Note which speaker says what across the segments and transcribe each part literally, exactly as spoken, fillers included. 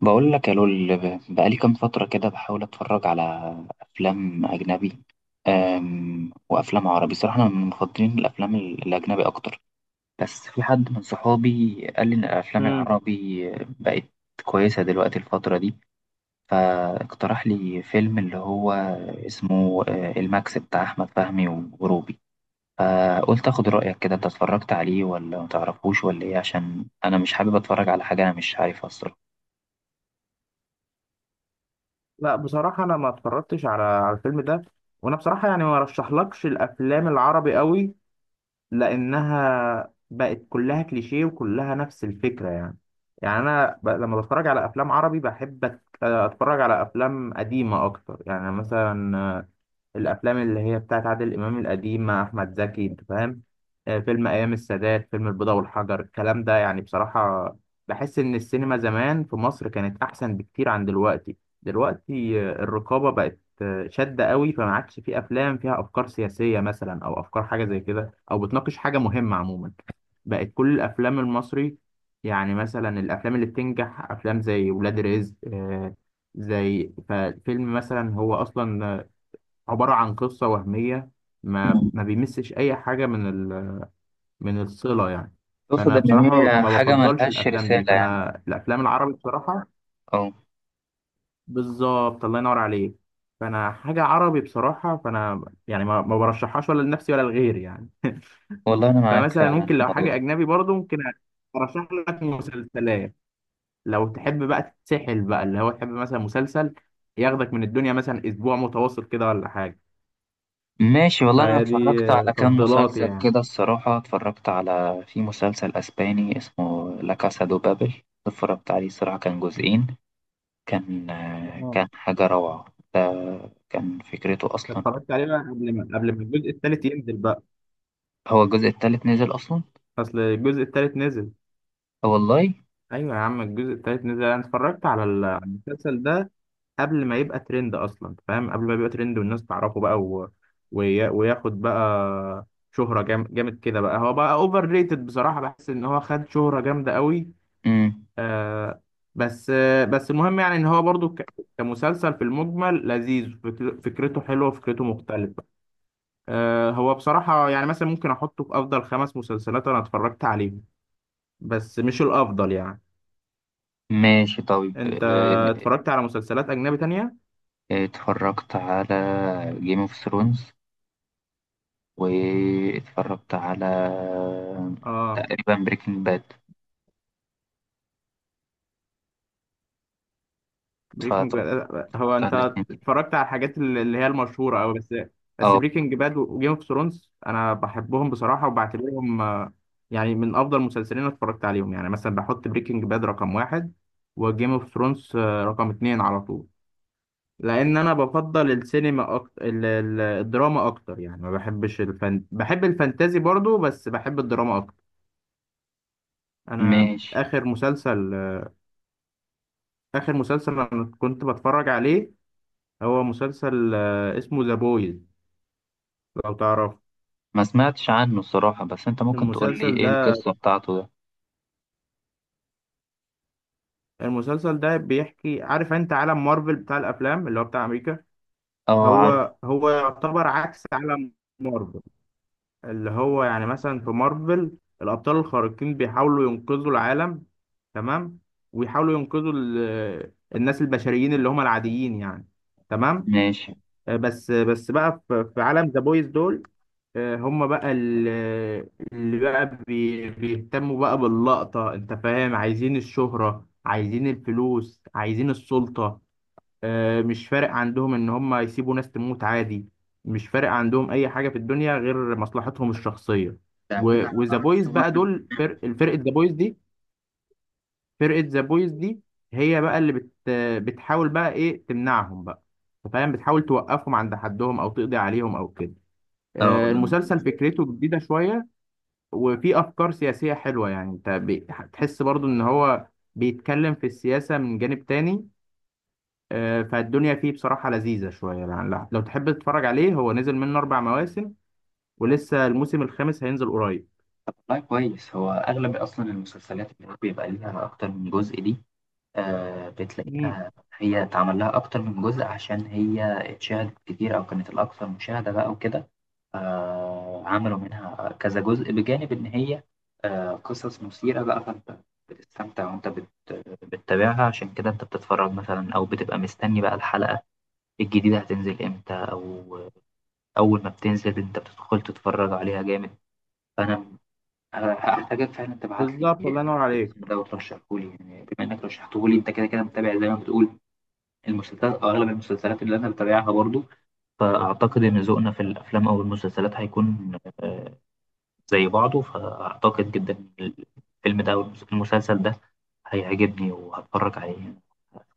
Speaker 1: بقول لك يا لول ب- بقالي كام فترة كده بحاول أتفرج على أفلام أجنبي أم وأفلام عربي. صراحة أنا من مفضلين الأفلام ال- الأجنبي أكتر، بس في حد من صحابي قال لي إن الأفلام
Speaker 2: مم.
Speaker 1: العربي بقت كويسة دلوقتي الفترة دي، فاقترح لي فيلم اللي هو اسمه آه، الماكس بتاع أحمد فهمي وروبي. فقلت أخد رأيك كده، أنت اتفرجت عليه ولا متعرفوش ولا إيه؟ عشان أنا مش حابب أتفرج على حاجة أنا مش عارفها الصراحة.
Speaker 2: لا بصراحة، أنا ما اتفرجتش على على الفيلم ده. وأنا بصراحة يعني، ما رشحلكش الأفلام العربي قوي، لأنها بقت كلها كليشيه وكلها نفس الفكرة. يعني يعني أنا ب... لما بتفرج على أفلام عربي بحب أت- أتفرج على أفلام قديمة أكتر. يعني مثلا الافلام اللي هي بتاعت عادل امام القديم مع احمد زكي، انت فاهم، آه، فيلم ايام السادات، فيلم البيضة والحجر، الكلام ده يعني بصراحة بحس ان السينما زمان في مصر كانت احسن بكتير عن دلوقتي دلوقتي آه، الرقابة بقت آه، شادة قوي، فما عادش في افلام فيها افكار سياسية مثلا او افكار حاجة زي كده او بتناقش حاجة مهمة عموما. بقت كل الافلام المصري يعني مثلا الافلام اللي بتنجح افلام زي ولاد رزق، آه، زي ففيلم مثلا، هو اصلا عبارة عن قصة وهمية، ما ما بيمسش أي حاجة من ال... من الصلة يعني.
Speaker 1: تقصد
Speaker 2: فأنا
Speaker 1: إن
Speaker 2: بصراحة ما ب-
Speaker 1: هي
Speaker 2: ما
Speaker 1: حاجة
Speaker 2: بفضلش
Speaker 1: ملهاش
Speaker 2: الأفلام دي،
Speaker 1: رسالة يعني؟
Speaker 2: فأنا الأفلام العربي بصراحة،
Speaker 1: أه
Speaker 2: بالظبط، الله ينور عليك، فأنا حاجة عربي بصراحة، فأنا يعني ما, ما برشحهاش ولا لنفسي ولا لغيري يعني.
Speaker 1: والله أنا معاك
Speaker 2: فمثلا
Speaker 1: فعلا
Speaker 2: ممكن
Speaker 1: في
Speaker 2: لو
Speaker 1: الموضوع
Speaker 2: حاجة
Speaker 1: ده.
Speaker 2: أجنبي برضو ممكن أرشح لك مسلسلات، لو تحب بقى تتسحل بقى، اللي هو تحب مثلا مسلسل ياخدك من الدنيا مثلا أسبوع متواصل كده ولا حاجة.
Speaker 1: ماشي، والله أنا
Speaker 2: فدي
Speaker 1: اتفرجت على كام
Speaker 2: تفضيلاتي
Speaker 1: مسلسل
Speaker 2: يعني.
Speaker 1: كده الصراحة. اتفرجت على، في مسلسل أسباني اسمه لا كاسا دو بابل. اتفرجت عليه الصراحة، كان جزئين. كان آه، كان حاجة روعة. ده كان فكرته أصلا.
Speaker 2: اتفرجت عليه بقى قبل ما قبل ما الجزء التالت ينزل بقى.
Speaker 1: هو الجزء التالت نزل أصلا؟
Speaker 2: اصل الجزء التالت نزل.
Speaker 1: أه والله.
Speaker 2: ايوه يا عم، الجزء التالت نزل، انا اتفرجت على ال- على المسلسل ده قبل ما يبقى ترند اصلا، فاهم، قبل ما يبقى ترند والناس تعرفه بقى، و... ويا... وياخد بقى شهرة جام... جامد كده بقى. هو بقى اوفر ريتد بصراحة، بحس ان هو خد شهرة جامدة قوي.
Speaker 1: مم.
Speaker 2: آه بس آه بس المهم، يعني ان هو برضو ك... كمسلسل في المجمل لذيذ، فكر... فكرته حلوة، فكرته مختلفة. آه، هو بصراحة يعني مثلا ممكن أحطه في أفضل خمس مسلسلات أنا اتفرجت عليهم، بس مش الأفضل يعني.
Speaker 1: ماشي طيب.
Speaker 2: أنت
Speaker 1: آه،
Speaker 2: اتفرجت على مسلسلات أجنبي تانية؟
Speaker 1: آه، اتفرجت على جيم اوف ثرونز، واتفرجت على
Speaker 2: آه،
Speaker 1: تقريبا بريكنج باد.
Speaker 2: بريكنج
Speaker 1: اتفرجت
Speaker 2: باد. هو
Speaker 1: على
Speaker 2: أنت
Speaker 1: الاتنين دي.
Speaker 2: اتفرجت على الحاجات اللي اللي هي المشهورة أوي بس. بس
Speaker 1: اه.
Speaker 2: بريكنج باد وجيم اوف ثرونز أنا بحبهم بصراحة، وبعتبرهم آه، يعني من أفضل المسلسلين اللي اتفرجت عليهم. يعني مثلا بحط بريكنج باد رقم واحد وجيم اوف ثرونز رقم اتنين على طول، لان انا بفضل السينما اكتر، ال- ال- الدراما اكتر يعني، ما بحبش الفن، بحب الفانتازي برضو، بس بحب الدراما اكتر. انا
Speaker 1: ماشي.
Speaker 2: اخر مسلسل، اخر مسلسل انا كنت بتفرج عليه، هو مسلسل آه، اسمه ذا بويز، لو تعرف
Speaker 1: ما سمعتش عنه الصراحة، بس انت ممكن تقول لي
Speaker 2: المسلسل
Speaker 1: ايه
Speaker 2: ده.
Speaker 1: القصة بتاعته ده؟
Speaker 2: المسلسل ده بيحكي، عارف انت عالم مارفل بتاع الافلام اللي هو بتاع امريكا؟
Speaker 1: اه عارف.
Speaker 2: هو هو يعتبر عكس عالم مارفل، اللي هو يعني مثلا في مارفل الأبطال الخارقين بيحاولوا ينقذوا العالم، تمام، ويحاولوا ينقذوا ال- آه، الناس البشريين اللي هم العاديين يعني، تمام.
Speaker 1: ماشي.
Speaker 2: آه، بس بس بقى في في عالم ذا بويز دول، آه، هم بقى ال- آه، اللي بقى بي- بيهتموا بقى باللقطة، انت فاهم، عايزين الشهرة، عايزين الفلوس، عايزين السلطة. آه، مش فارق عندهم ان هم يسيبوا ناس تموت عادي، مش فارق عندهم اي حاجه في الدنيا غير مصلحتهم الشخصيه.
Speaker 1: ده كده
Speaker 2: وذا
Speaker 1: على ماكس
Speaker 2: بويز بقى
Speaker 1: مارفل؟
Speaker 2: دول، فرق الفرقه ذا بويز دي فرقه ذا بويز دي هي بقى اللي بت بتحاول بقى ايه، تمنعهم بقى، أنت فاهم، بتحاول توقفهم عند حدهم او تقضي عليهم او كده.
Speaker 1: اه
Speaker 2: آه،
Speaker 1: ده.
Speaker 2: المسلسل فكرته جديده شويه، وفي افكار سياسيه حلوه، يعني انت بتحس برضو ان هو بيتكلم في السياسه من جانب تاني. آه، فالدنيا فيه بصراحة لذيذة شوية يعني. لا- لو تحب تتفرج عليه، هو نزل منه أربع مواسم ولسه الموسم الخامس هينزل قريب.
Speaker 1: طب والله كويس. هو اغلب اصلا المسلسلات اللي بيبقى ليها اكتر من جزء دي، آه
Speaker 2: مم.
Speaker 1: بتلاقيها هي اتعمل لها اكتر من جزء عشان هي اتشاهدت كتير او كانت الاكثر مشاهدة بقى وكده. آه عملوا منها كذا جزء، بجانب إن هي آه قصص مثيرة بقى، فأنت بتستمتع وأنت بت- بتتابعها. عشان كده أنت بتتفرج مثلا، أو بتبقى مستني بقى الحلقة الجديدة هتنزل إمتى، أو أول ما بتنزل أنت بتدخل تتفرج عليها جامد. فأنا هحتاجك فعلا تبعت لي
Speaker 2: بالظبط، الله ينور عليك.
Speaker 1: الاسم ده وترشحه لي، يعني بما إنك رشحته لي أنت كده كده متابع زي ما بتقول المسلسلات أو أغلب المسلسلات اللي أنا بتابعها برضو. فأعتقد إن ذوقنا في الأفلام أو المسلسلات هيكون آه، زي بعضه، فأعتقد جدا إن الفيلم ده أو المسلسل ده هيعجبني وهتفرج عليه.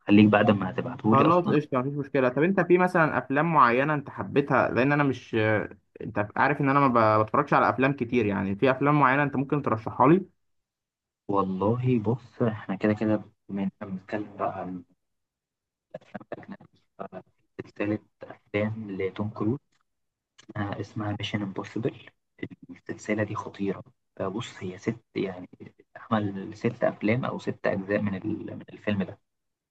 Speaker 1: خليك بعد ما هتبعتهولي
Speaker 2: خلاص
Speaker 1: أصلا.
Speaker 2: قشطة، مفيش مشكلة. طب أنت في مثلا أفلام معينة أنت حبيتها؟ لأن أنا مش آه، أنت عارف إن أنا ما ب- بتفرجش على أفلام كتير يعني، في أفلام معينة أنت ممكن ترشحها لي.
Speaker 1: والله بص، إحنا كده كده بما إننا بنتكلم بقى عن الأفلام الأجنبي، ففي سلسلة أفلام لتوم كروز آه، اسمها ميشن امبوسيبل. السلسلة دي خطيرة. فبص، هي ست، يعني عمل ست أفلام أو ست أجزاء من ال- من الفيلم ده.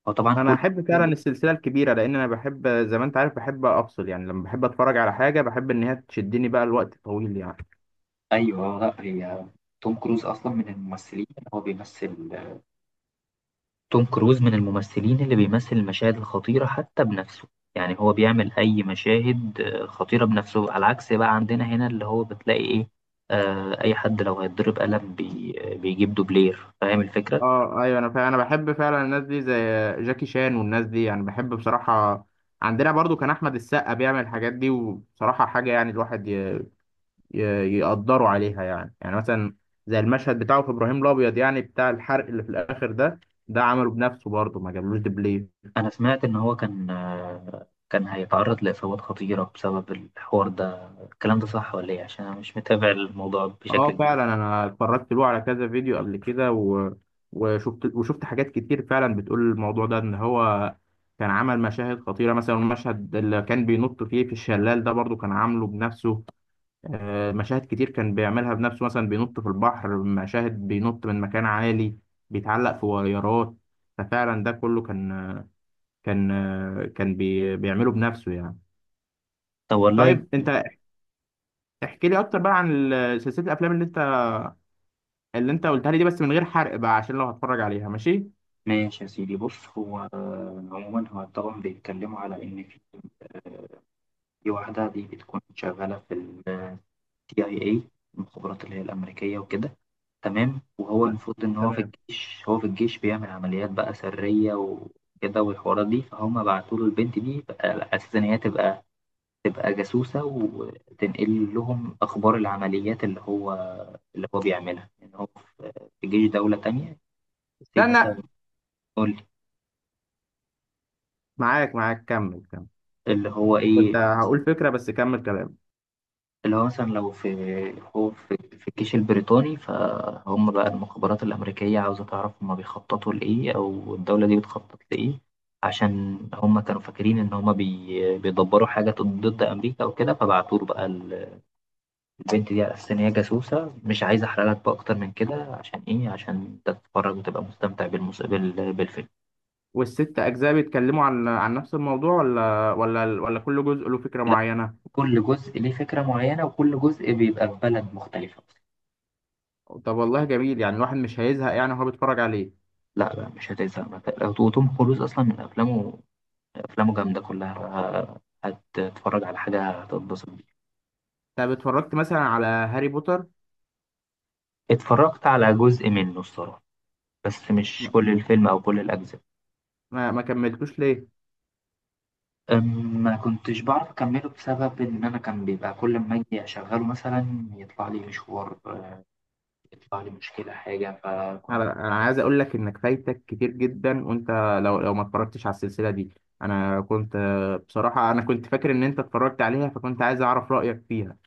Speaker 1: هو طبعا
Speaker 2: أنا
Speaker 1: كل.
Speaker 2: أحب فعلا السلسلة الكبيرة، لأن أنا بحب زي ما أنت عارف بحب أفصل يعني، لما بحب أتفرج على حاجة بحب إن هي تشدني بقى الوقت طويل يعني.
Speaker 1: ايوه، لا، هي توم كروز اصلا من الممثلين، هو بيمثل. توم كروز من الممثلين اللي بيمثل المشاهد الخطيره حتى بنفسه. يعني هو بيعمل اي مشاهد آه، خطيره بنفسه، على عكس بقى عندنا هنا اللي هو بتلاقي ايه. آه اي حد لو هيتضرب قلم بي آه، بيجيب دوبلير فاهم الفكره.
Speaker 2: اه ايوه، انا فا... انا بحب فعلا الناس دي زي جاكي شان والناس دي يعني، بحب بصراحه. عندنا برضو كان احمد السقا بيعمل الحاجات دي، وبصراحه حاجه يعني، الواحد ي... ي... يقدره عليها يعني. يعني مثلا زي المشهد بتاعه في ابراهيم الابيض يعني، بتاع الحرق اللي في الاخر ده، ده عمله بنفسه برضو، ما جابلوش دبلير.
Speaker 1: انا سمعت ان هو كان آه كان هيتعرض لاصابات خطيره بسبب الحوار ده. الكلام ده صح ولا ايه؟ عشان انا مش متابع الموضوع بشكل
Speaker 2: اه
Speaker 1: كبير.
Speaker 2: فعلا، انا اتفرجت له على كذا فيديو قبل كده، و... وشفت وشفت حاجات كتير فعلا بتقول الموضوع ده، ان هو كان عمل مشاهد خطيره. مثلا المشهد اللي كان بينط فيه في الشلال ده برضو كان عامله بنفسه. آه، مشاهد كتير كان بيعملها بنفسه، مثلا بينط في البحر، مشاهد بينط من مكان عالي، بيتعلق في ويارات. ففعلا ده كله كان كان كان بي... بيعمله بنفسه يعني.
Speaker 1: طب والله.
Speaker 2: طيب انت احكي لي اكتر بقى عن ال- سلسله الافلام اللي انت، اللي انت قلتها لي دي، بس من غير حرق بقى، عشان لو هتفرج عليها، ماشي.
Speaker 1: ماشي يا سيدي. بص، هو آه، عموما هو طبعا بيتكلموا على ان في في واحده دي بتكون شغاله في السي اي اي إيه، المخابرات اللي هي الامريكيه وكده. تمام، وهو
Speaker 2: لا،
Speaker 1: المفروض ان هو في
Speaker 2: تمام،
Speaker 1: الجيش، هو في الجيش بيعمل عمليات بقى سريه وكده والحوارات دي. فهم بعتوا له البنت دي بقى على اساس ان هي تبقى، تبقى جاسوسه، وتنقل لهم اخبار العمليات اللي هو، اللي هو بيعملها، ان هو في في جيش دوله تانية. زي
Speaker 2: استنى،
Speaker 1: مثلا، قول،
Speaker 2: معاك معاك كمل كمل،
Speaker 1: اللي هو
Speaker 2: كنت
Speaker 1: ايه،
Speaker 2: هقول فكرة، بس كمل كلام.
Speaker 1: اللي هو مثلا لو في، هو في, في الجيش البريطاني، فهم بقى المخابرات الأمريكية عاوزة تعرف هم بيخططوا لإيه أو الدولة دي بتخطط لإيه، عشان هم كانوا فاكرين إن هم بي بيدبروا حاجة ضد أمريكا أو كده، فبعتوا له بقى ال- البنت دي على أساس إن هي جاسوسة. مش عايز أحرق لك بقى أكتر من كده، عشان إيه؟ عشان تتفرج وتبقى مستمتع بالمس... بال... بالفيلم.
Speaker 2: والست أجزاء بيتكلموا عن عن نفس الموضوع، ولا ولا ولا كل جزء له فكرة
Speaker 1: لا،
Speaker 2: معينة؟
Speaker 1: كل جزء ليه فكرة معينة وكل جزء بيبقى في بلد مختلفة.
Speaker 2: طب والله جميل، يعني الواحد مش هيزهق يعني وهو بيتفرج عليه.
Speaker 1: لا لا، مش هتزهق. ما ت- وتوم كروز أصلا من أفلامه، أفلامه جامدة كلها، هتتفرج على حاجة هتتبسط بيها.
Speaker 2: طب اتفرجت مثلا على هاري بوتر؟
Speaker 1: اتفرجت على جزء منه الصراحة، بس مش كل الفيلم أو كل الأجزاء.
Speaker 2: ما, ما كملتوش ليه؟
Speaker 1: أم، ما كنتش بعرف أكمله بسبب إن أنا كان بيبقى كل ما أجي أشغله مثلا يطلع لي مشوار، يطلع لي مشكلة، حاجة، فكنت.
Speaker 2: انا أنا عايز اقول لك انك فايتك كتير جدا، وانت لو لو ما اتفرجتش على السلسله دي. انا كنت آه، بصراحه انا كنت فاكر ان انت اتفرجت عليها، فكنت عايز اعرف رايك فيها.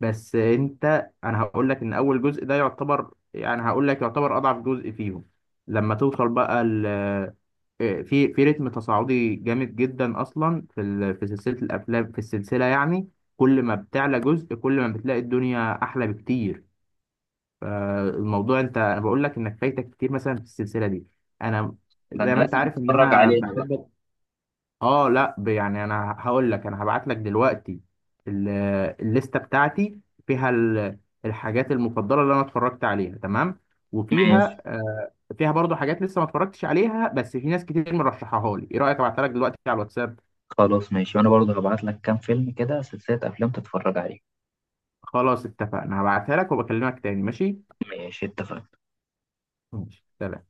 Speaker 2: بس انت انا هقول لك ان اول جزء ده يعتبر يعني، هقول لك يعتبر اضعف جزء فيهم. لما توصل بقى ال آه، في في رتم تصاعدي جامد جدا اصلا في ال- في سلسله الافلام، في السلسله يعني، كل ما بتعلى جزء كل ما بتلاقي الدنيا احلى بكتير. فالموضوع انت، انا بقول لك انك فايتك كتير مثلا في السلسله دي. انا
Speaker 1: أنا
Speaker 2: زي ما انت
Speaker 1: لازم
Speaker 2: عارف ان
Speaker 1: أتفرج
Speaker 2: انا
Speaker 1: عليه أنا بقى.
Speaker 2: بحب، اه لا، ب- يعني انا هقول لك، انا هبعت لك دلوقتي ال- الليسته بتاعتي، فيها ال- الحاجات المفضله اللي انا اتفرجت عليها، تمام.
Speaker 1: ماشي.
Speaker 2: وفيها آه، فيها برضو حاجات لسه ما اتفرجتش عليها، بس في ناس كتير مرشحها لي. ايه رايك ابعتها لك دلوقتي على الواتساب؟
Speaker 1: خلاص ماشي، وأنا برضه هبعت لك كام فيلم كده، سلسلة أفلام تتفرج عليها.
Speaker 2: خلاص اتفقنا، هبعتها لك وبكلمك تاني، ماشي.
Speaker 1: ماشي اتفقنا.
Speaker 2: ماشي، سلام.